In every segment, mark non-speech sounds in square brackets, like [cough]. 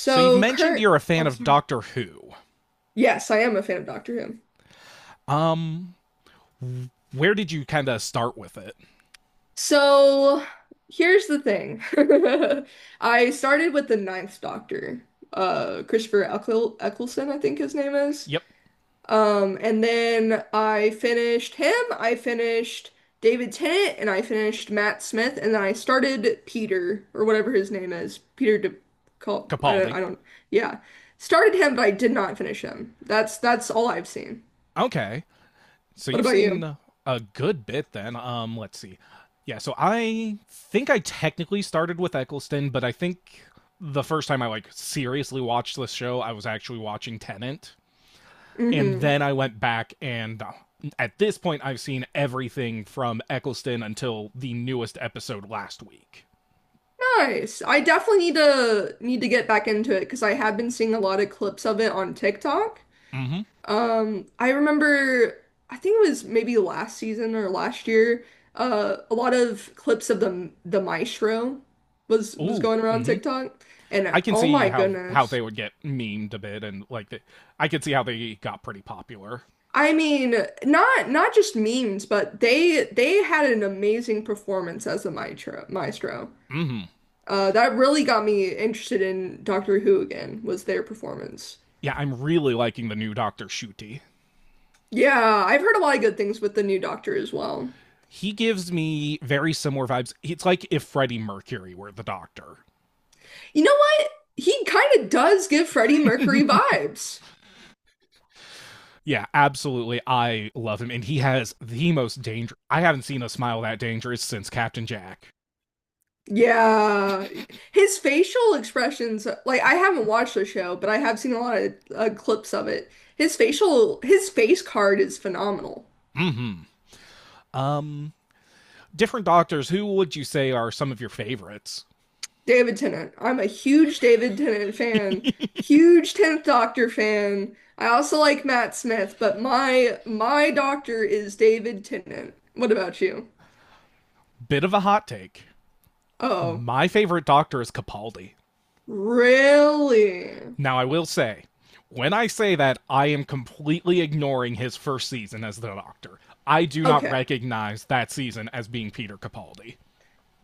So you've mentioned you're a fan oh, of sorry. Doctor Who. Yes, I am a fan of Doctor Who. Um, where did you kind of start with it? So here's the thing. [laughs] I started with the Ninth Doctor, Christopher Eccleston, I think his name is. Yep, And then I finished David Tennant, and I finished Matt Smith, and then I started Peter, or whatever his name is, Peter De call Capaldi. I don't, yeah. Started him, but I did not finish him. That's all I've seen. Okay, so What you've about you? seen a good bit then. Let's see. Yeah, so I think I technically started with Eccleston, but I think the first time I like seriously watched this show, I was actually watching Tenant, and Hmm. then I went back and at this point I've seen everything from Eccleston until the newest episode last week. Nice. I definitely need to get back into it because I have been seeing a lot of clips of it on TikTok. Mm-hmm. I remember I think it was maybe last season or last year, a lot of clips of the maestro was Ooh. going around Mm-hmm. TikTok, and I can oh see my how goodness. they would get memed a bit, and like I could see how they got pretty popular. I mean, not just memes, but they had an amazing performance as the maestro. Hmm That really got me interested in Doctor Who again, was their performance. Yeah, I'm really liking the new Doctor Shuti. Yeah, I've heard a lot of good things with the new Doctor as well. He gives me very similar vibes. It's like if Freddie Mercury were the Doctor. You know what? He kind of does give Freddie Mercury vibes. Yeah, absolutely. I love him, and he has the most dangerous. I haven't seen a smile that dangerous since Captain Jack. Yeah, his facial expressions, like I haven't watched the show, but I have seen a lot of clips of it. His face card is phenomenal. Hmm Um, Different Doctors. Who would you say are some of your favorites? David Tennant. I'm a huge David Tennant fan, huge 10th Doctor fan. I also like Matt Smith, but my doctor is David Tennant. What about you? Bit of a hot take. Oh. My favorite Doctor is Capaldi. Really? Now, I will say, when I say that, I am completely ignoring his first season as the Doctor. I do not Okay. recognize that season as being Peter Capaldi.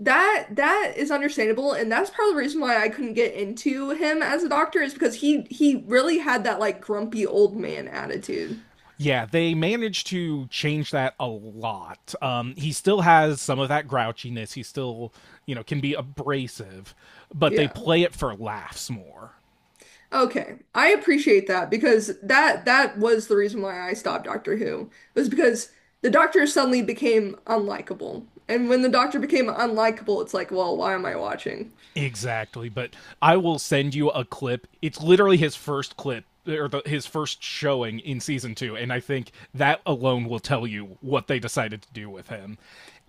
That is understandable, and that's part of the reason why I couldn't get into him as a doctor is because he really had that like grumpy old man attitude. Yeah, they managed to change that a lot. He still has some of that grouchiness. He still, you know, can be abrasive, but they Yeah. play it for laughs more. Okay. I appreciate that because that was the reason why I stopped Doctor Who was because the doctor suddenly became unlikable. And when the doctor became unlikable, it's like, well, why am I watching? Exactly, but I will send you a clip. It's literally his first clip or his first showing in season 2, and I think that alone will tell you what they decided to do with him.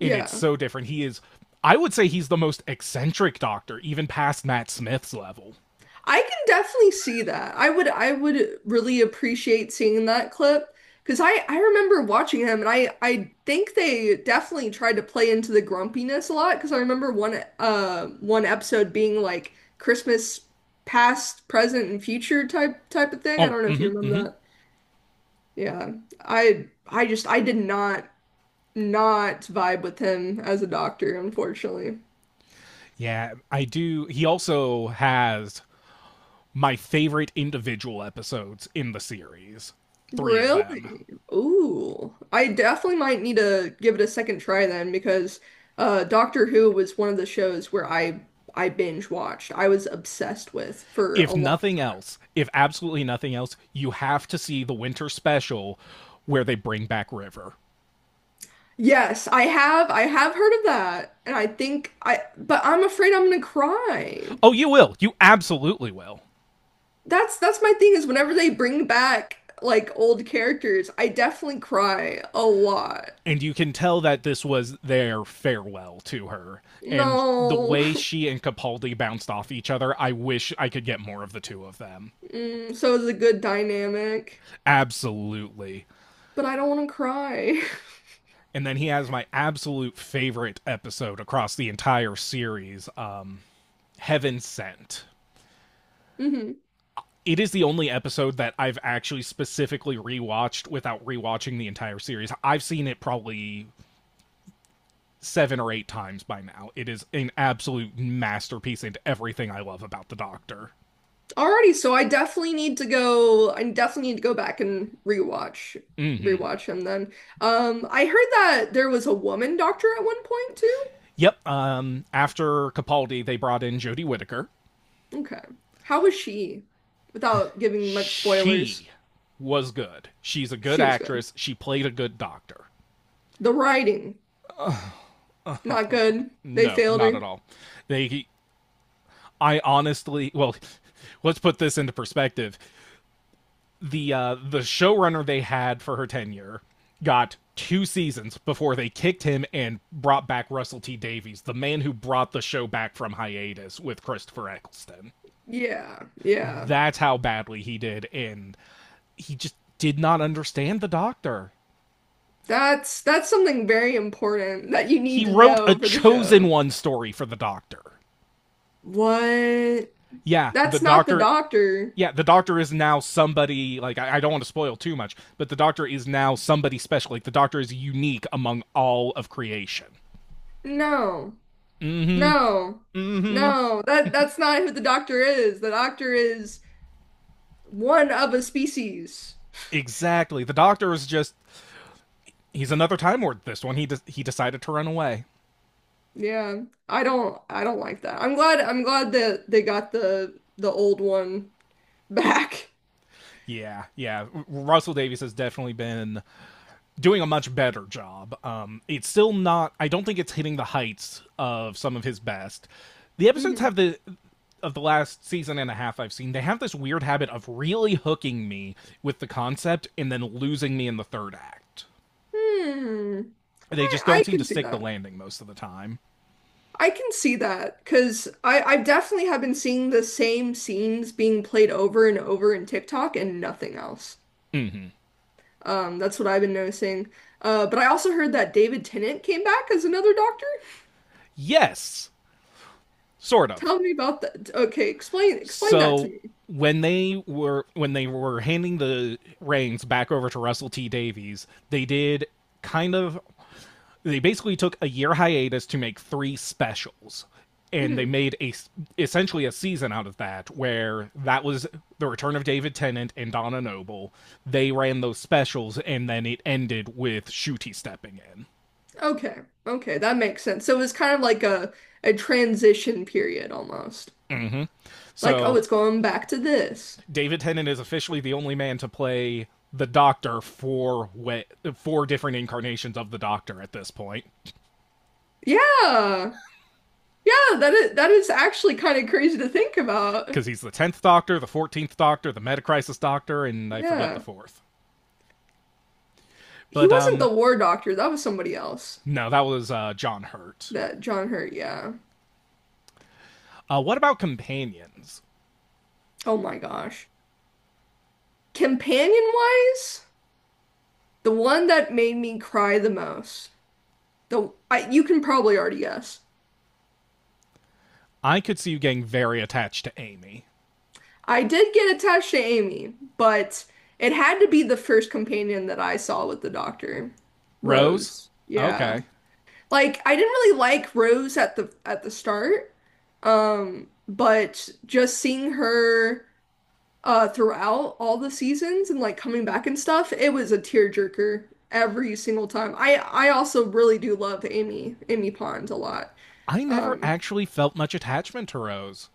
And it's so different. He is I would say he's the most eccentric doctor even past Matt Smith's level. I can definitely see that. I would really appreciate seeing that clip because I remember watching him and I think they definitely tried to play into the grumpiness a lot because I remember one one episode being like Christmas past, present, and future type of thing. I Oh, don't know mm if you mhm, mm remember mhm. that. Yeah. I just I did not vibe with him as a doctor, unfortunately. Yeah, I do. He also has my favorite individual episodes in the series. three of them. Really? Ooh. I definitely might need to give it a second try then because Doctor Who was one of the shows where I binge watched. I was obsessed with for a If long. nothing else, if absolutely nothing else, you have to see the winter special where they bring back River. Yes, I have heard of that. And I think I but I'm afraid I'm gonna cry. Oh, you will. You absolutely will. That's my thing is whenever they bring back like old characters, I definitely cry a lot. And you can tell that this was their farewell to her. And the No. way [laughs] she and Capaldi bounced off each other, I wish I could get more of the two of them. Mm, so it's a good dynamic, Absolutely. but I don't want to cry. And then he has my absolute favorite episode across the entire series, Heaven Sent. [laughs] Mhm. It is the only episode that I've actually specifically rewatched without rewatching the entire series. I've seen it probably 7 or 8 times by now. It is an absolute masterpiece into everything I love about the Doctor. Alrighty, so I definitely need to go. I definitely need to go back and rewatch Mm-hmm. rewatch him then. I heard that there was a woman doctor at one point too. Yep. After Capaldi, they brought in Jodie Whittaker. Okay. How was she? Without giving much spoilers, She was good. She's a good she was good. actress. She played a good Doctor. The writing, not good. They No, failed not at her. all. They, I honestly, well, [laughs] let's put this into perspective. The the showrunner they had for her tenure got 2 seasons before they kicked him and brought back Russell T Davies, the man who brought the show back from hiatus with Christopher Eccleston. Yeah, yeah. That's how badly he did, and he just did not understand the Doctor. That's something very important that you need He to wrote a know for the chosen show. one story for the Doctor. What? Yeah, the That's not the Doctor. doctor. Yeah, the Doctor is now somebody like I don't want to spoil too much, but the Doctor is now somebody special. Like the Doctor is unique among all of creation. No. Mm-hmm. No, Mm-hmm. no, that's not who the doctor is. The doctor is one of a species. Exactly. The doctor is just he's another time lord this one. He decided to run away. Yeah, I don't like that. I'm glad that they got the old one [laughs] back. Yeah, yeah. Russell Davies has definitely been doing a much better job. It's still not I don't think it's hitting the heights of some of his best. The episodes have Mhm. the Of the last season and a half I've seen, they have this weird habit of really hooking me with the concept and then losing me in the third act. Hmm. They I just don't I seem to can see stick the that. landing most of the time. I can see that because I definitely have been seeing the same scenes being played over and over in TikTok and nothing else. That's what I've been noticing. But I also heard that David Tennant came back as another doctor. Yes, sort of. Tell me about that. Okay, explain that to So me. When they were handing the reins back over to Russell T Davies, they did kind of they basically took a year hiatus to make three specials and they Hmm. made a essentially a season out of that where that was the return of David Tennant and Donna Noble. They ran those specials and then it ended with Shooty stepping in. Okay, okay, that makes sense. So it was kind of like a transition period almost. Mm-hmm. Like, oh, So it's going back to this. David Tennant is officially the only man to play the Doctor four way, four different incarnations of the Doctor at this point, Yeah, yeah, that is actually kind of crazy to think about. because he's the tenth Doctor, the 14th Doctor, the Metacrisis Doctor, and I forget the Yeah, fourth. he But wasn't the war doctor. That was somebody else. no, that was John Hurt. That John Hurt. Yeah. What about companions? Oh my gosh. Companion wise, the one that made me cry the most. You can probably already guess. I could see you getting very attached to Amy. I did get attached to Amy, but it had to be the first companion that I saw with the doctor, Rose? Rose. Yeah. Okay. Like I didn't really like Rose at the start. But just seeing her throughout all the seasons and like coming back and stuff, it was a tearjerker every single time. I also really do love Amy Pond a lot. I never Um, actually felt much attachment to Rose.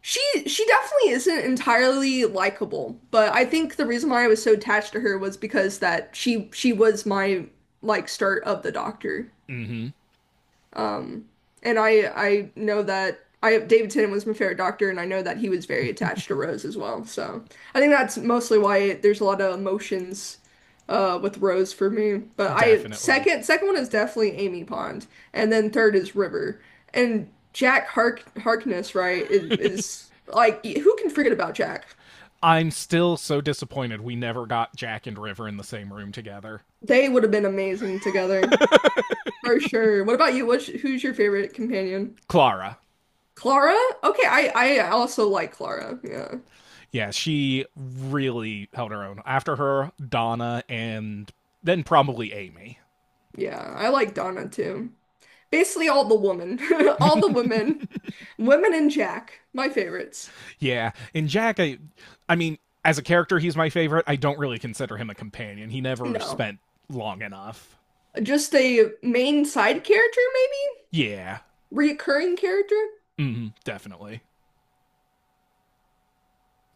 She she definitely isn't entirely likable, but I think the reason why I was so attached to her was because that she was my like start of the Doctor. Mm hmm. Um, and I know that I David Tennant was my favorite Doctor, and I know that he was very attached to Rose as well. So I think that's mostly why there's a lot of emotions with Rose for me. But I Definitely. second one is definitely Amy Pond, and then third is River. And Jack Harkness, right, is like who can forget about Jack? I'm still so disappointed we never got Jack and River in the same room together. They would have been amazing together. For sure. What about you? Who's your favorite companion? Clara. Clara? Okay, I also like Clara. Yeah. Yeah, she really held her own. After her, Donna and then probably Amy. Yeah, I like Donna too. Basically, all the women, [laughs] all the women, women and Jack, my favorites. Yeah, and Jack I mean, as a character he's my favorite. I don't really consider him a companion. He never No, spent long enough. just a main side character, maybe? Yeah. Reoccurring character? Hmm, definitely.